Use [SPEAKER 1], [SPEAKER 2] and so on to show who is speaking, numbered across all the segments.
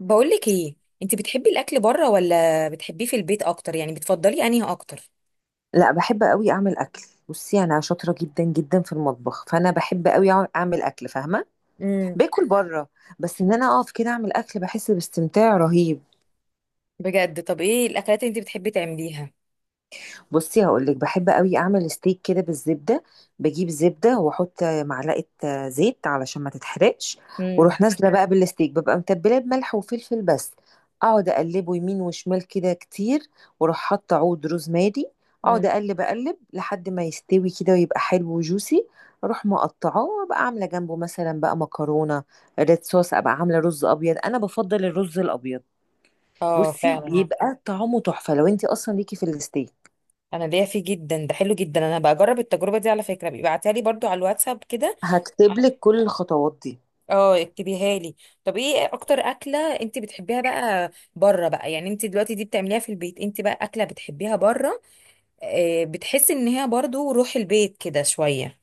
[SPEAKER 1] بقولك ايه؟ انت بتحبي الاكل بره ولا بتحبيه في البيت اكتر؟ يعني بتفضلي انهي اكتر؟
[SPEAKER 2] لا، بحب قوي اعمل اكل. بصي، انا شاطره جدا جدا في المطبخ، فانا بحب قوي اعمل اكل، فاهمه؟
[SPEAKER 1] امم
[SPEAKER 2] باكل بره. بس ان انا اقف كده اعمل اكل بحس باستمتاع رهيب.
[SPEAKER 1] بجد، طب ايه الاكلات اللي انت بتحبي تعمليها؟
[SPEAKER 2] بصي، هقولك، بحب قوي اعمل ستيك كده بالزبده. بجيب زبده واحط معلقه زيت علشان ما تتحرقش.
[SPEAKER 1] امم
[SPEAKER 2] واروح نازله بقى بالستيك، ببقى متبلاه بملح وفلفل بس. اقعد اقلبه يمين وشمال كده كتير. واروح حاطه عود روزماري. اقعد
[SPEAKER 1] مم.
[SPEAKER 2] اقلب اقلب لحد ما يستوي كده، ويبقى حلو وجوسي. اروح مقطعاه، وابقى عامله جنبه مثلا بقى مكرونه. ريد صوص، ابقى عامله رز ابيض، انا بفضل الرز الابيد.
[SPEAKER 1] اه،
[SPEAKER 2] بصي، الله،
[SPEAKER 1] فعلا.
[SPEAKER 2] بيبقى طعمه تحفه لو انت اصلا ليكي في الستيك.
[SPEAKER 1] انا ليا فيه جدا، ده حلو جدا. انا بجرب التجربه دي، على فكره بيبعتها لي برضو على الواتساب كده.
[SPEAKER 2] هكتب لك كل الخطوات دي.
[SPEAKER 1] اه، اكتبيها لي. طب ايه اكتر اكله انت بتحبيها بقى بره بقى؟ يعني انت دلوقتي دي بتعمليها في البيت، انت بقى اكله بتحبيها بره؟ بتحسي ان هي برضو روح البيت كده شويه؟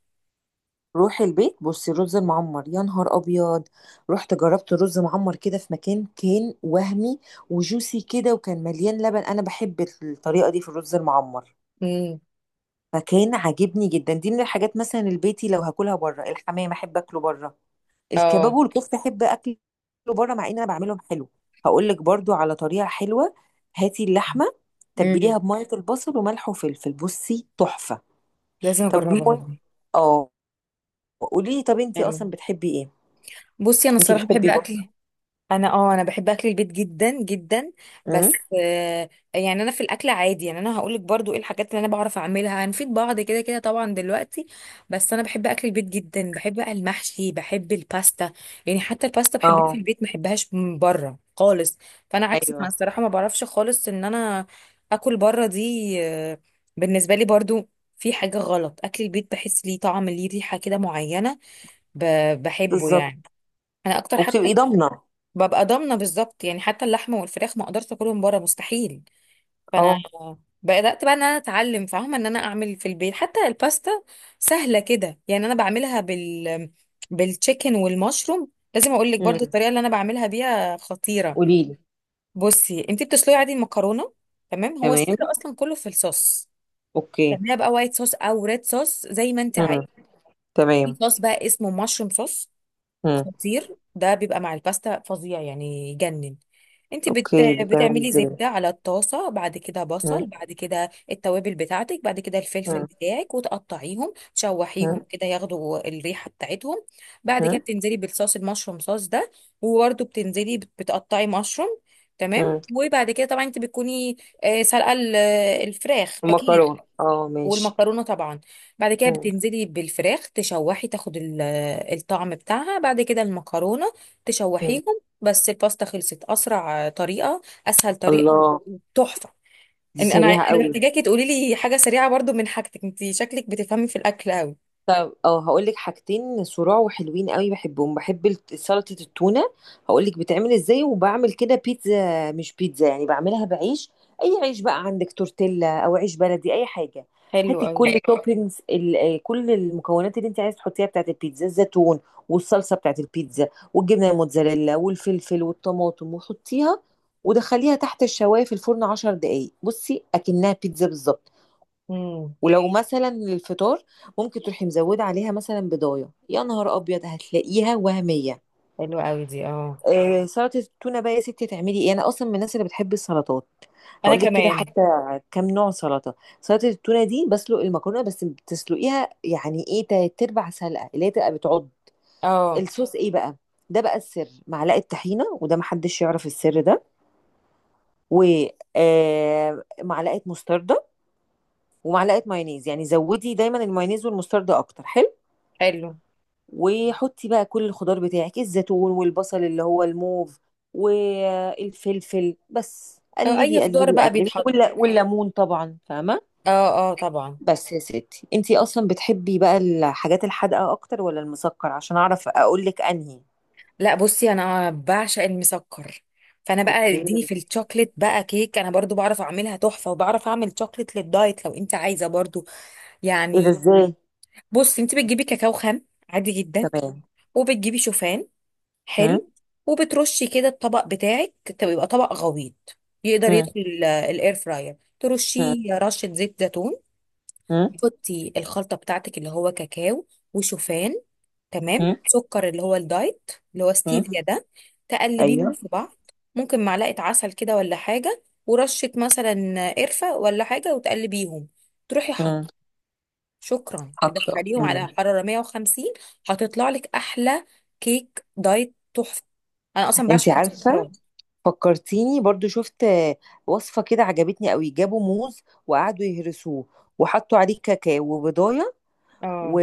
[SPEAKER 2] روحي البيت، بصي، رز معمر، يا نهار ابيض. رحت جربت رز معمر كده في مكان، كان وهمي. وجوسي كده، وكان مليان لبن، انا بحب الطريقه دي في الرز المعمر.
[SPEAKER 1] امم
[SPEAKER 2] فكان عاجبني جدا، دي من الحاجات. مثلا البيتي لو هاكلها بره، الحمام احب اكله بره. الكباب
[SPEAKER 1] اه.
[SPEAKER 2] والكفته احب اكله بره، مع ان انا بعملهم حلو. هقول لك برضو على طريقه حلوه. هاتي اللحمه،
[SPEAKER 1] مم.
[SPEAKER 2] تبليها بميه البصل وملح وفلفل، بصي تحفه.
[SPEAKER 1] لازم
[SPEAKER 2] طب
[SPEAKER 1] اجربها دي.
[SPEAKER 2] اه قولي لي، طب انتي اصلا
[SPEAKER 1] حلو.
[SPEAKER 2] بتحبي ايه؟
[SPEAKER 1] بصي، انا
[SPEAKER 2] انتي
[SPEAKER 1] الصراحه بحب
[SPEAKER 2] بتحبي برضه؟
[SPEAKER 1] اكل. انا بحب اكل البيت جدا جدا.
[SPEAKER 2] امم.
[SPEAKER 1] بس يعني انا في الاكل عادي، يعني انا هقولك برضو ايه الحاجات اللي انا بعرف اعملها، هنفيد بعض كده كده طبعا دلوقتي. بس انا بحب اكل البيت جدا، بحب بقى المحشي، بحب الباستا. يعني حتى الباستا بحبها في
[SPEAKER 2] اه،
[SPEAKER 1] البيت، ما بحبهاش من بره خالص. فانا عكسك، انا
[SPEAKER 2] ايوه،
[SPEAKER 1] الصراحه ما بعرفش خالص ان انا اكل بره دي، بالنسبه لي برضو، في حاجه غلط. اكل البيت بحس ليه طعم، ليه ريحه كده معينه، بحبه
[SPEAKER 2] بالظبط.
[SPEAKER 1] يعني. انا اكتر حتى.
[SPEAKER 2] وبتبقي ضامنه.
[SPEAKER 1] ببقى ضامنه بالظبط، يعني حتى اللحمه والفراخ ما اقدرش اكلهم بره، مستحيل. فانا
[SPEAKER 2] اه.
[SPEAKER 1] بدات بقى ان انا اتعلم، فاهمه، ان انا اعمل في البيت حتى الباستا سهله كده. يعني انا بعملها بالتشيكن والمشروم. لازم اقول لك برضو
[SPEAKER 2] امم.
[SPEAKER 1] الطريقه اللي انا بعملها بيها خطيره.
[SPEAKER 2] قولي لي.
[SPEAKER 1] بصي، انت بتسلقي عادي المكرونه، تمام. هو السر
[SPEAKER 2] تمام،
[SPEAKER 1] اصلا كله في الصوص.
[SPEAKER 2] اوكي.
[SPEAKER 1] تعمليها بقى وايت صوص او ريد صوص زي ما انت عايزه.
[SPEAKER 2] امم.
[SPEAKER 1] في
[SPEAKER 2] تمام.
[SPEAKER 1] صوص بقى اسمه مشروم صوص
[SPEAKER 2] امم.
[SPEAKER 1] خطير. ده بيبقى مع الباستا فظيع، يعني يجنن. انت بت...
[SPEAKER 2] اوكي، بتعملي
[SPEAKER 1] بتعملي
[SPEAKER 2] ازاي؟
[SPEAKER 1] زبدة على الطاسة، بعد كده بصل،
[SPEAKER 2] امم.
[SPEAKER 1] بعد كده التوابل بتاعتك، بعد كده الفلفل
[SPEAKER 2] امم.
[SPEAKER 1] بتاعك، وتقطعيهم تشوحيهم
[SPEAKER 2] امم.
[SPEAKER 1] كده ياخدوا الريحة بتاعتهم. بعد كده
[SPEAKER 2] امم.
[SPEAKER 1] بتنزلي بالصوص المشروم صوص ده. وبرده بتنزلي بتقطعي مشروم. تمام.
[SPEAKER 2] امم.
[SPEAKER 1] وبعد كده طبعا انت بتكوني سلقة الفراخ اكيد،
[SPEAKER 2] المكرونه، اه، ماشي.
[SPEAKER 1] والمكرونه طبعا. بعد كده
[SPEAKER 2] امم.
[SPEAKER 1] بتنزلي بالفراخ تشوحي تاخد الطعم بتاعها، بعد كده المكرونه
[SPEAKER 2] امم.
[SPEAKER 1] تشوحيهم. بس الباستا خلصت. اسرع طريقه، اسهل طريقه،
[SPEAKER 2] الله.
[SPEAKER 1] تحفه.
[SPEAKER 2] دي
[SPEAKER 1] ان انا
[SPEAKER 2] سريعه
[SPEAKER 1] انا
[SPEAKER 2] قوي.
[SPEAKER 1] محتاجاكي تقولي لي حاجه سريعه برضو من حاجتك، انت شكلك بتفهمي في الاكل قوي.
[SPEAKER 2] طب هقول لك حاجتين صراع وحلوين قوي، بحبهم، بحب سلطة التونة. هقول لك بتعمل ازاي. وبعمل كده بيتزا مش بيتزا، يعني بعملها بعيش. اي عيش بقى عندك، تورتيلا او عيش بلدي، اي حاجة.
[SPEAKER 1] حلو
[SPEAKER 2] هاتي
[SPEAKER 1] قوي.
[SPEAKER 2] كل توبينجز، كل المكونات اللي انت عايز تحطيها بتاعت البيتزا، الزيتون والصلصة بتاعت البيتزا والجبنة الموتزاريلا والفلفل والطماطم، وحطيها ودخليها تحت الشواية في الفرن 10 دقايق. بصي، اكنها بيتزا بالظبط.
[SPEAKER 1] امم
[SPEAKER 2] ولو مثلا الفطار ممكن تروحي مزوده عليها مثلا بضايه، يا نهار ابيض هتلاقيها وهميه.
[SPEAKER 1] حلو قوي دي، اه.
[SPEAKER 2] سلطه التونه بقى، يا ستي، تعملي ايه؟ انا اصلا من الناس اللي بتحب السلطات.
[SPEAKER 1] انا
[SPEAKER 2] هقول لك كده
[SPEAKER 1] كمان.
[SPEAKER 2] حتى كام نوع سلطه. سلطه التونه دي، بسلق المكرونه بس، بتسلقيها يعني ايه تلات ارباع سلقه، اللي هي تبقى بتعض.
[SPEAKER 1] اه.
[SPEAKER 2] الصوص ايه بقى؟ ده بقى السر، معلقه طحينه، وده محدش يعرف السر ده. ومعلقه مستردة. ومعلقه مايونيز، يعني زودي دايما المايونيز والمستردة اكتر، حلو.
[SPEAKER 1] حلو.
[SPEAKER 2] وحطي بقى كل الخضار بتاعك، الزيتون والبصل اللي هو الموف والفلفل، بس
[SPEAKER 1] اه، اي
[SPEAKER 2] قلبي
[SPEAKER 1] خضار
[SPEAKER 2] قلبي
[SPEAKER 1] بقى
[SPEAKER 2] قلبي،
[SPEAKER 1] بيتحط.
[SPEAKER 2] ولا والليمون طبعا، فاهمه؟
[SPEAKER 1] اه. اه طبعا.
[SPEAKER 2] بس يا ستي، انتي اصلا بتحبي بقى الحاجات الحادقه اكتر ولا المسكر؟ عشان اعرف اقول لك انهي.
[SPEAKER 1] لا، بصي انا بعشق المسكر. فانا بقى
[SPEAKER 2] اوكي،
[SPEAKER 1] اديني
[SPEAKER 2] ايه
[SPEAKER 1] في الشوكليت بقى. كيك انا برضو بعرف اعملها تحفه، وبعرف اعمل شوكليت للدايت لو انت عايزه برضو.
[SPEAKER 2] ده؟
[SPEAKER 1] يعني،
[SPEAKER 2] ازاي؟
[SPEAKER 1] بصي انت بتجيبي كاكاو خام عادي جدا،
[SPEAKER 2] تمام.
[SPEAKER 1] وبتجيبي شوفان.
[SPEAKER 2] هم؟
[SPEAKER 1] حلو. وبترشي كده الطبق بتاعك، يبقى طبق غويط يقدر
[SPEAKER 2] هم؟
[SPEAKER 1] يدخل الاير فراير.
[SPEAKER 2] هم؟
[SPEAKER 1] ترشيه رشه زيت زيتون.
[SPEAKER 2] هم؟
[SPEAKER 1] تحطي الخلطه بتاعتك اللي هو كاكاو وشوفان، تمام،
[SPEAKER 2] هم؟
[SPEAKER 1] سكر اللي هو الدايت اللي هو
[SPEAKER 2] هم؟
[SPEAKER 1] ستيفيا ده. تقلبيهم
[SPEAKER 2] ايوه.
[SPEAKER 1] في بعض. ممكن معلقة عسل كده ولا حاجة، ورشة مثلا قرفة ولا حاجة، وتقلبيهم. تروحي
[SPEAKER 2] هم.
[SPEAKER 1] حط، شكرا،
[SPEAKER 2] حاطه.
[SPEAKER 1] تدخليهم على
[SPEAKER 2] هم.
[SPEAKER 1] حرارة 150. هتطلع لك أحلى كيك دايت تحفة. أنا أصلا بعشق
[SPEAKER 2] انتي عارفه،
[SPEAKER 1] المسكرات.
[SPEAKER 2] فكرتيني. برضو شفت وصفة كده عجبتني قوي، جابوا موز وقعدوا يهرسوه. وحطوا عليه كاكاو وبضاية. و...
[SPEAKER 1] اه.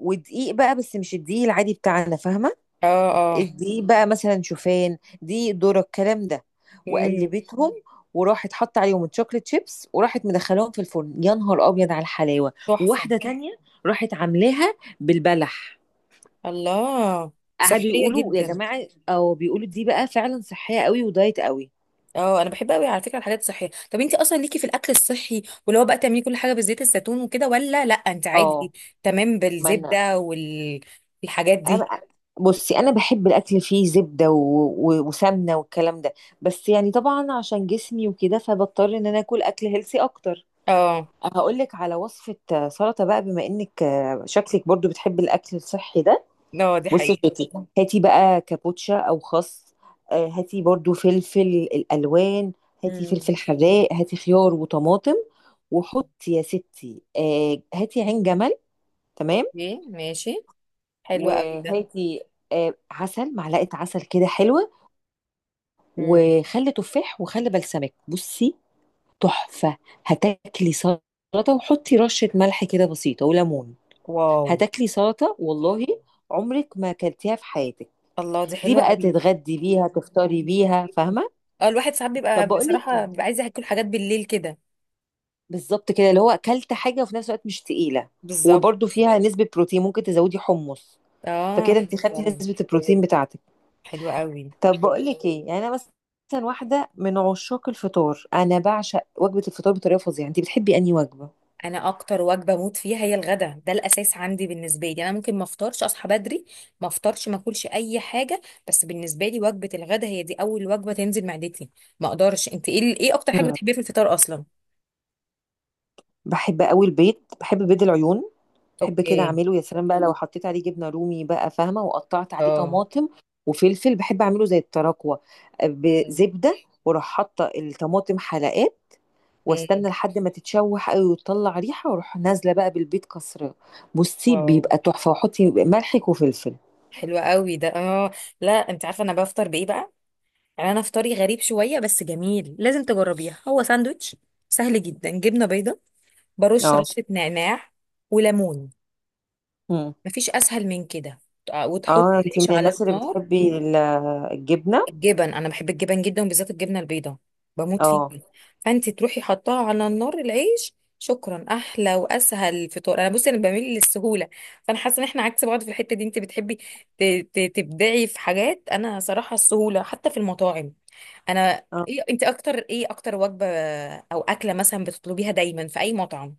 [SPEAKER 2] ودقيق بقى، بس مش الدقيق العادي بتاعنا، فاهمة؟
[SPEAKER 1] اه. اه.
[SPEAKER 2] الدقيق بقى مثلا شوفان، دقيق ذرة، الكلام ده.
[SPEAKER 1] امم
[SPEAKER 2] وقلبتهم، وراحت حط عليهم الشوكليت شيبس، وراحت مدخلاهم في الفرن، يا نهار ابيض، على الحلاوة.
[SPEAKER 1] تحفة.
[SPEAKER 2] وواحدة تانية راحت عاملاها بالبلح.
[SPEAKER 1] الله.
[SPEAKER 2] قعدوا
[SPEAKER 1] صحية
[SPEAKER 2] يقولوا يا
[SPEAKER 1] جدا.
[SPEAKER 2] جماعة، او بيقولوا دي بقى فعلا صحية قوي ودايت قوي.
[SPEAKER 1] اه، انا بحب قوي على فكره الحاجات الصحيه. طب انت اصلا ليكي في الاكل الصحي، واللي هو بقى تعملي كل حاجه بزيت الزيتون وكده، ولا لا انت
[SPEAKER 2] اه.
[SPEAKER 1] عادي تمام
[SPEAKER 2] ما انا
[SPEAKER 1] بالزبده والحاجات دي؟
[SPEAKER 2] انا بصي انا بحب الاكل فيه زبده وسمنه والكلام ده. بس يعني طبعا عشان جسمي وكده، فبضطر ان انا اكل اكل هيلسي اكتر.
[SPEAKER 1] اه.
[SPEAKER 2] هقول لك على وصفه، سلطه بقى، بما انك شكلك برضو بتحبي الاكل الصحي ده.
[SPEAKER 1] اه دي
[SPEAKER 2] بصي
[SPEAKER 1] حقيقه.
[SPEAKER 2] يا ستي، هاتي بقى كابوتشا او خس. هاتي برضو فلفل، الالوان. هاتي
[SPEAKER 1] امم
[SPEAKER 2] فلفل حراق، هاتي خيار وطماطم. وحطي يا ستي هاتي عين جمل. تمام.
[SPEAKER 1] اوكي، ماشي. حلو قوي ده.
[SPEAKER 2] وهاتي عسل، معلقة عسل كده حلوة.
[SPEAKER 1] امم
[SPEAKER 2] وخل تفاح وخل بلسمك، بصي تحفة. هتاكلي سلطة. وحطي رشة ملح كده بسيطة وليمون.
[SPEAKER 1] واو.
[SPEAKER 2] هتاكلي سلطة والله عمرك ما اكلتيها في حياتك.
[SPEAKER 1] الله دي
[SPEAKER 2] دي
[SPEAKER 1] حلوه
[SPEAKER 2] بقى
[SPEAKER 1] قوي.
[SPEAKER 2] تتغدي بيها تفطري بيها،
[SPEAKER 1] مم.
[SPEAKER 2] فاهمة؟
[SPEAKER 1] اه، الواحد ساعات بيبقى
[SPEAKER 2] طب بقول
[SPEAKER 1] بصراحه
[SPEAKER 2] لك،
[SPEAKER 1] بيبقى عايز ياكل حاجات بالليل كده.
[SPEAKER 2] بالظبط كده
[SPEAKER 1] مم.
[SPEAKER 2] اللي هو اكلت حاجة وفي نفس الوقت مش تقيلة.
[SPEAKER 1] بالظبط.
[SPEAKER 2] وبرده فيها نسبة بروتين، ممكن تزودي حمص،
[SPEAKER 1] اه.
[SPEAKER 2] فكده انت
[SPEAKER 1] حلو
[SPEAKER 2] خدتي
[SPEAKER 1] قوي.
[SPEAKER 2] نسبة البروتين بتاعتك.
[SPEAKER 1] حلو قوي.
[SPEAKER 2] طب بقول لك ايه، يعني انا مثلا واحده من عشاق الفطار، انا بعشق وجبه الفطار بطريقه فظيعه. انت بتحبي انهي وجبه؟
[SPEAKER 1] انا اكتر وجبه بموت فيها هي الغدا. ده الاساس عندي. بالنسبه لي انا ممكن ما افطرش، اصحى بدري ما افطرش، ما اكلش اي حاجه. بس بالنسبه لي وجبه الغدا هي دي اول وجبه تنزل معدتي، ما اقدرش. انت ايه، ايه اكتر حاجه
[SPEAKER 2] مم.
[SPEAKER 1] بتحبيها في الفطار اصلا؟
[SPEAKER 2] بحب قوي البيض. بحب بيض العيون. بحب كده
[SPEAKER 1] اوكي.
[SPEAKER 2] اعمله، يا سلام بقى، لو حطيت عليه جبنه رومي بقى، فاهمه؟ وقطعت عليه
[SPEAKER 1] اه.
[SPEAKER 2] طماطم وفلفل. بحب اعمله زي التراكوه
[SPEAKER 1] امم
[SPEAKER 2] بزبده، واروح حاطه الطماطم حلقات،
[SPEAKER 1] امم
[SPEAKER 2] واستنى لحد ما تتشوح قوي وتطلع ريحه، واروح نازله بقى بالبيض كسره. بصي
[SPEAKER 1] واو،
[SPEAKER 2] بيبقى تحفه، واحطي ملحك وفلفل.
[SPEAKER 1] حلوة قوي ده، اه. لا انت عارفه انا بفطر بايه بقى؟ يعني انا فطاري غريب شويه بس جميل، لازم تجربيها. هو ساندوتش سهل جدا، جبنه بيضه، برش
[SPEAKER 2] اه.
[SPEAKER 1] رشه نعناع وليمون.
[SPEAKER 2] مم.
[SPEAKER 1] مفيش اسهل من كده. وتحط
[SPEAKER 2] اه، انت
[SPEAKER 1] العيش
[SPEAKER 2] من
[SPEAKER 1] على
[SPEAKER 2] الناس اللي
[SPEAKER 1] النار.
[SPEAKER 2] بتحبي الجبنة.
[SPEAKER 1] الجبن، انا بحب الجبن جدا وبالذات الجبنه البيضاء، بموت فيها.
[SPEAKER 2] اه.
[SPEAKER 1] فانت تروحي حطاها على النار العيش، شكرا، احلى واسهل فطار. انا بصي انا بميل للسهوله. فانا حاسه ان احنا عكس بعض في الحته دي، انت بتحبي تبدعي في حاجات، انا صراحه السهوله حتى في المطاعم. انا
[SPEAKER 2] اه.
[SPEAKER 1] ايه، انت اكتر ايه، اكتر وجبه او اكله مثلا بتطلبيها دايما في اي مطعم؟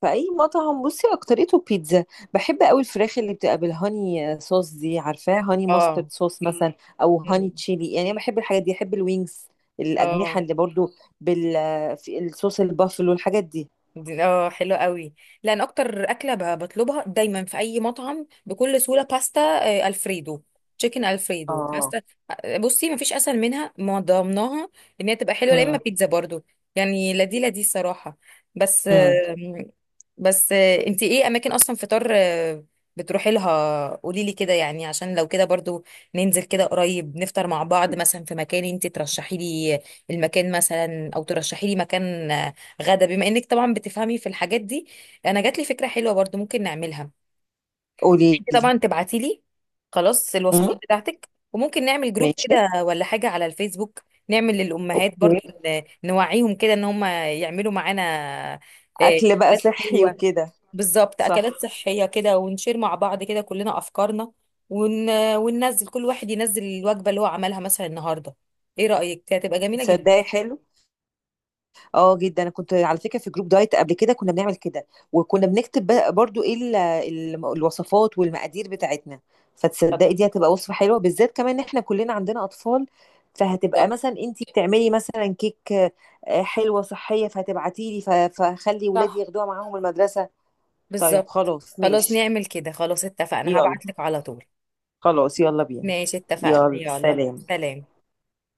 [SPEAKER 2] في اي مطعم، بصي، اكتريته بيتزا. بحب قوي الفراخ اللي بتبقى بالهاني صوص دي، عارفاه، هاني ماسترد
[SPEAKER 1] اه.
[SPEAKER 2] صوص مثلا، او هاني
[SPEAKER 1] مم.
[SPEAKER 2] تشيلي. يعني انا بحب الحاجات دي، بحب الوينجز، الاجنحة،
[SPEAKER 1] اه.
[SPEAKER 2] اللي برضو بال في الصوص البافلو، الحاجات دي.
[SPEAKER 1] اه، حلو قوي. لان اكتر اكله بطلبها دايما في اي مطعم بكل سهوله باستا، الفريدو، تشيكن الفريدو
[SPEAKER 2] اه.
[SPEAKER 1] باستا. بصي مفيش اسهل منها، ما ضمناها ان هي تبقى حلوه. لا اما
[SPEAKER 2] امم.
[SPEAKER 1] بيتزا برضو، يعني لا دي صراحه. بس
[SPEAKER 2] امم.
[SPEAKER 1] بس انتي ايه اماكن اصلا فطار بتروحي لها؟ قولي لي كده، يعني عشان لو كده برضو ننزل كده قريب نفطر مع بعض مثلا في مكان انتي ترشحي لي المكان، مثلا، او ترشحي لي مكان غدا، بما انك طبعا بتفهمي في الحاجات دي. انا جات لي فكره حلوه برضو ممكن نعملها.
[SPEAKER 2] قولي
[SPEAKER 1] انت
[SPEAKER 2] لي.
[SPEAKER 1] طبعا تبعتي لي خلاص الوصفات
[SPEAKER 2] امم.
[SPEAKER 1] بتاعتك، وممكن نعمل جروب
[SPEAKER 2] ماشي.
[SPEAKER 1] كده ولا حاجه على الفيسبوك. نعمل للامهات
[SPEAKER 2] اوكي.
[SPEAKER 1] برضو نوعيهم كده ان هم يعملوا معانا
[SPEAKER 2] اكل بقى
[SPEAKER 1] اكلات
[SPEAKER 2] صحي
[SPEAKER 1] حلوه.
[SPEAKER 2] وكده.
[SPEAKER 1] بالظبط، اكلات
[SPEAKER 2] صح.
[SPEAKER 1] صحيه كده، ونشير مع بعض كده كلنا افكارنا. ون... وننزل كل واحد ينزل الوجبه اللي هو عملها مثلا النهارده. ايه رايك؟ دي هتبقى جميله جدا.
[SPEAKER 2] صدقي حلو. اه، جدا. انا كنت على فكره في جروب دايت قبل كده، كنا بنعمل كده، وكنا بنكتب بقى برضو ايه الوصفات والمقادير بتاعتنا. فتصدقي دي هتبقى وصفه حلوه، بالذات كمان ان احنا كلنا عندنا اطفال. فهتبقى
[SPEAKER 1] بالظبط.
[SPEAKER 2] مثلا انتي بتعملي مثلا كيك حلوه صحيه، فهتبعتي لي فخلي ولادي
[SPEAKER 1] صح.
[SPEAKER 2] ياخدوها معاهم المدرسه. طيب
[SPEAKER 1] بالظبط.
[SPEAKER 2] خلاص،
[SPEAKER 1] خلاص
[SPEAKER 2] ماشي.
[SPEAKER 1] نعمل كده، خلاص اتفقنا،
[SPEAKER 2] يلا،
[SPEAKER 1] هبعتلك على طول.
[SPEAKER 2] خلاص يلا بينا.
[SPEAKER 1] ماشي، اتفقنا،
[SPEAKER 2] يلا،
[SPEAKER 1] يلا
[SPEAKER 2] سلام.
[SPEAKER 1] سلام.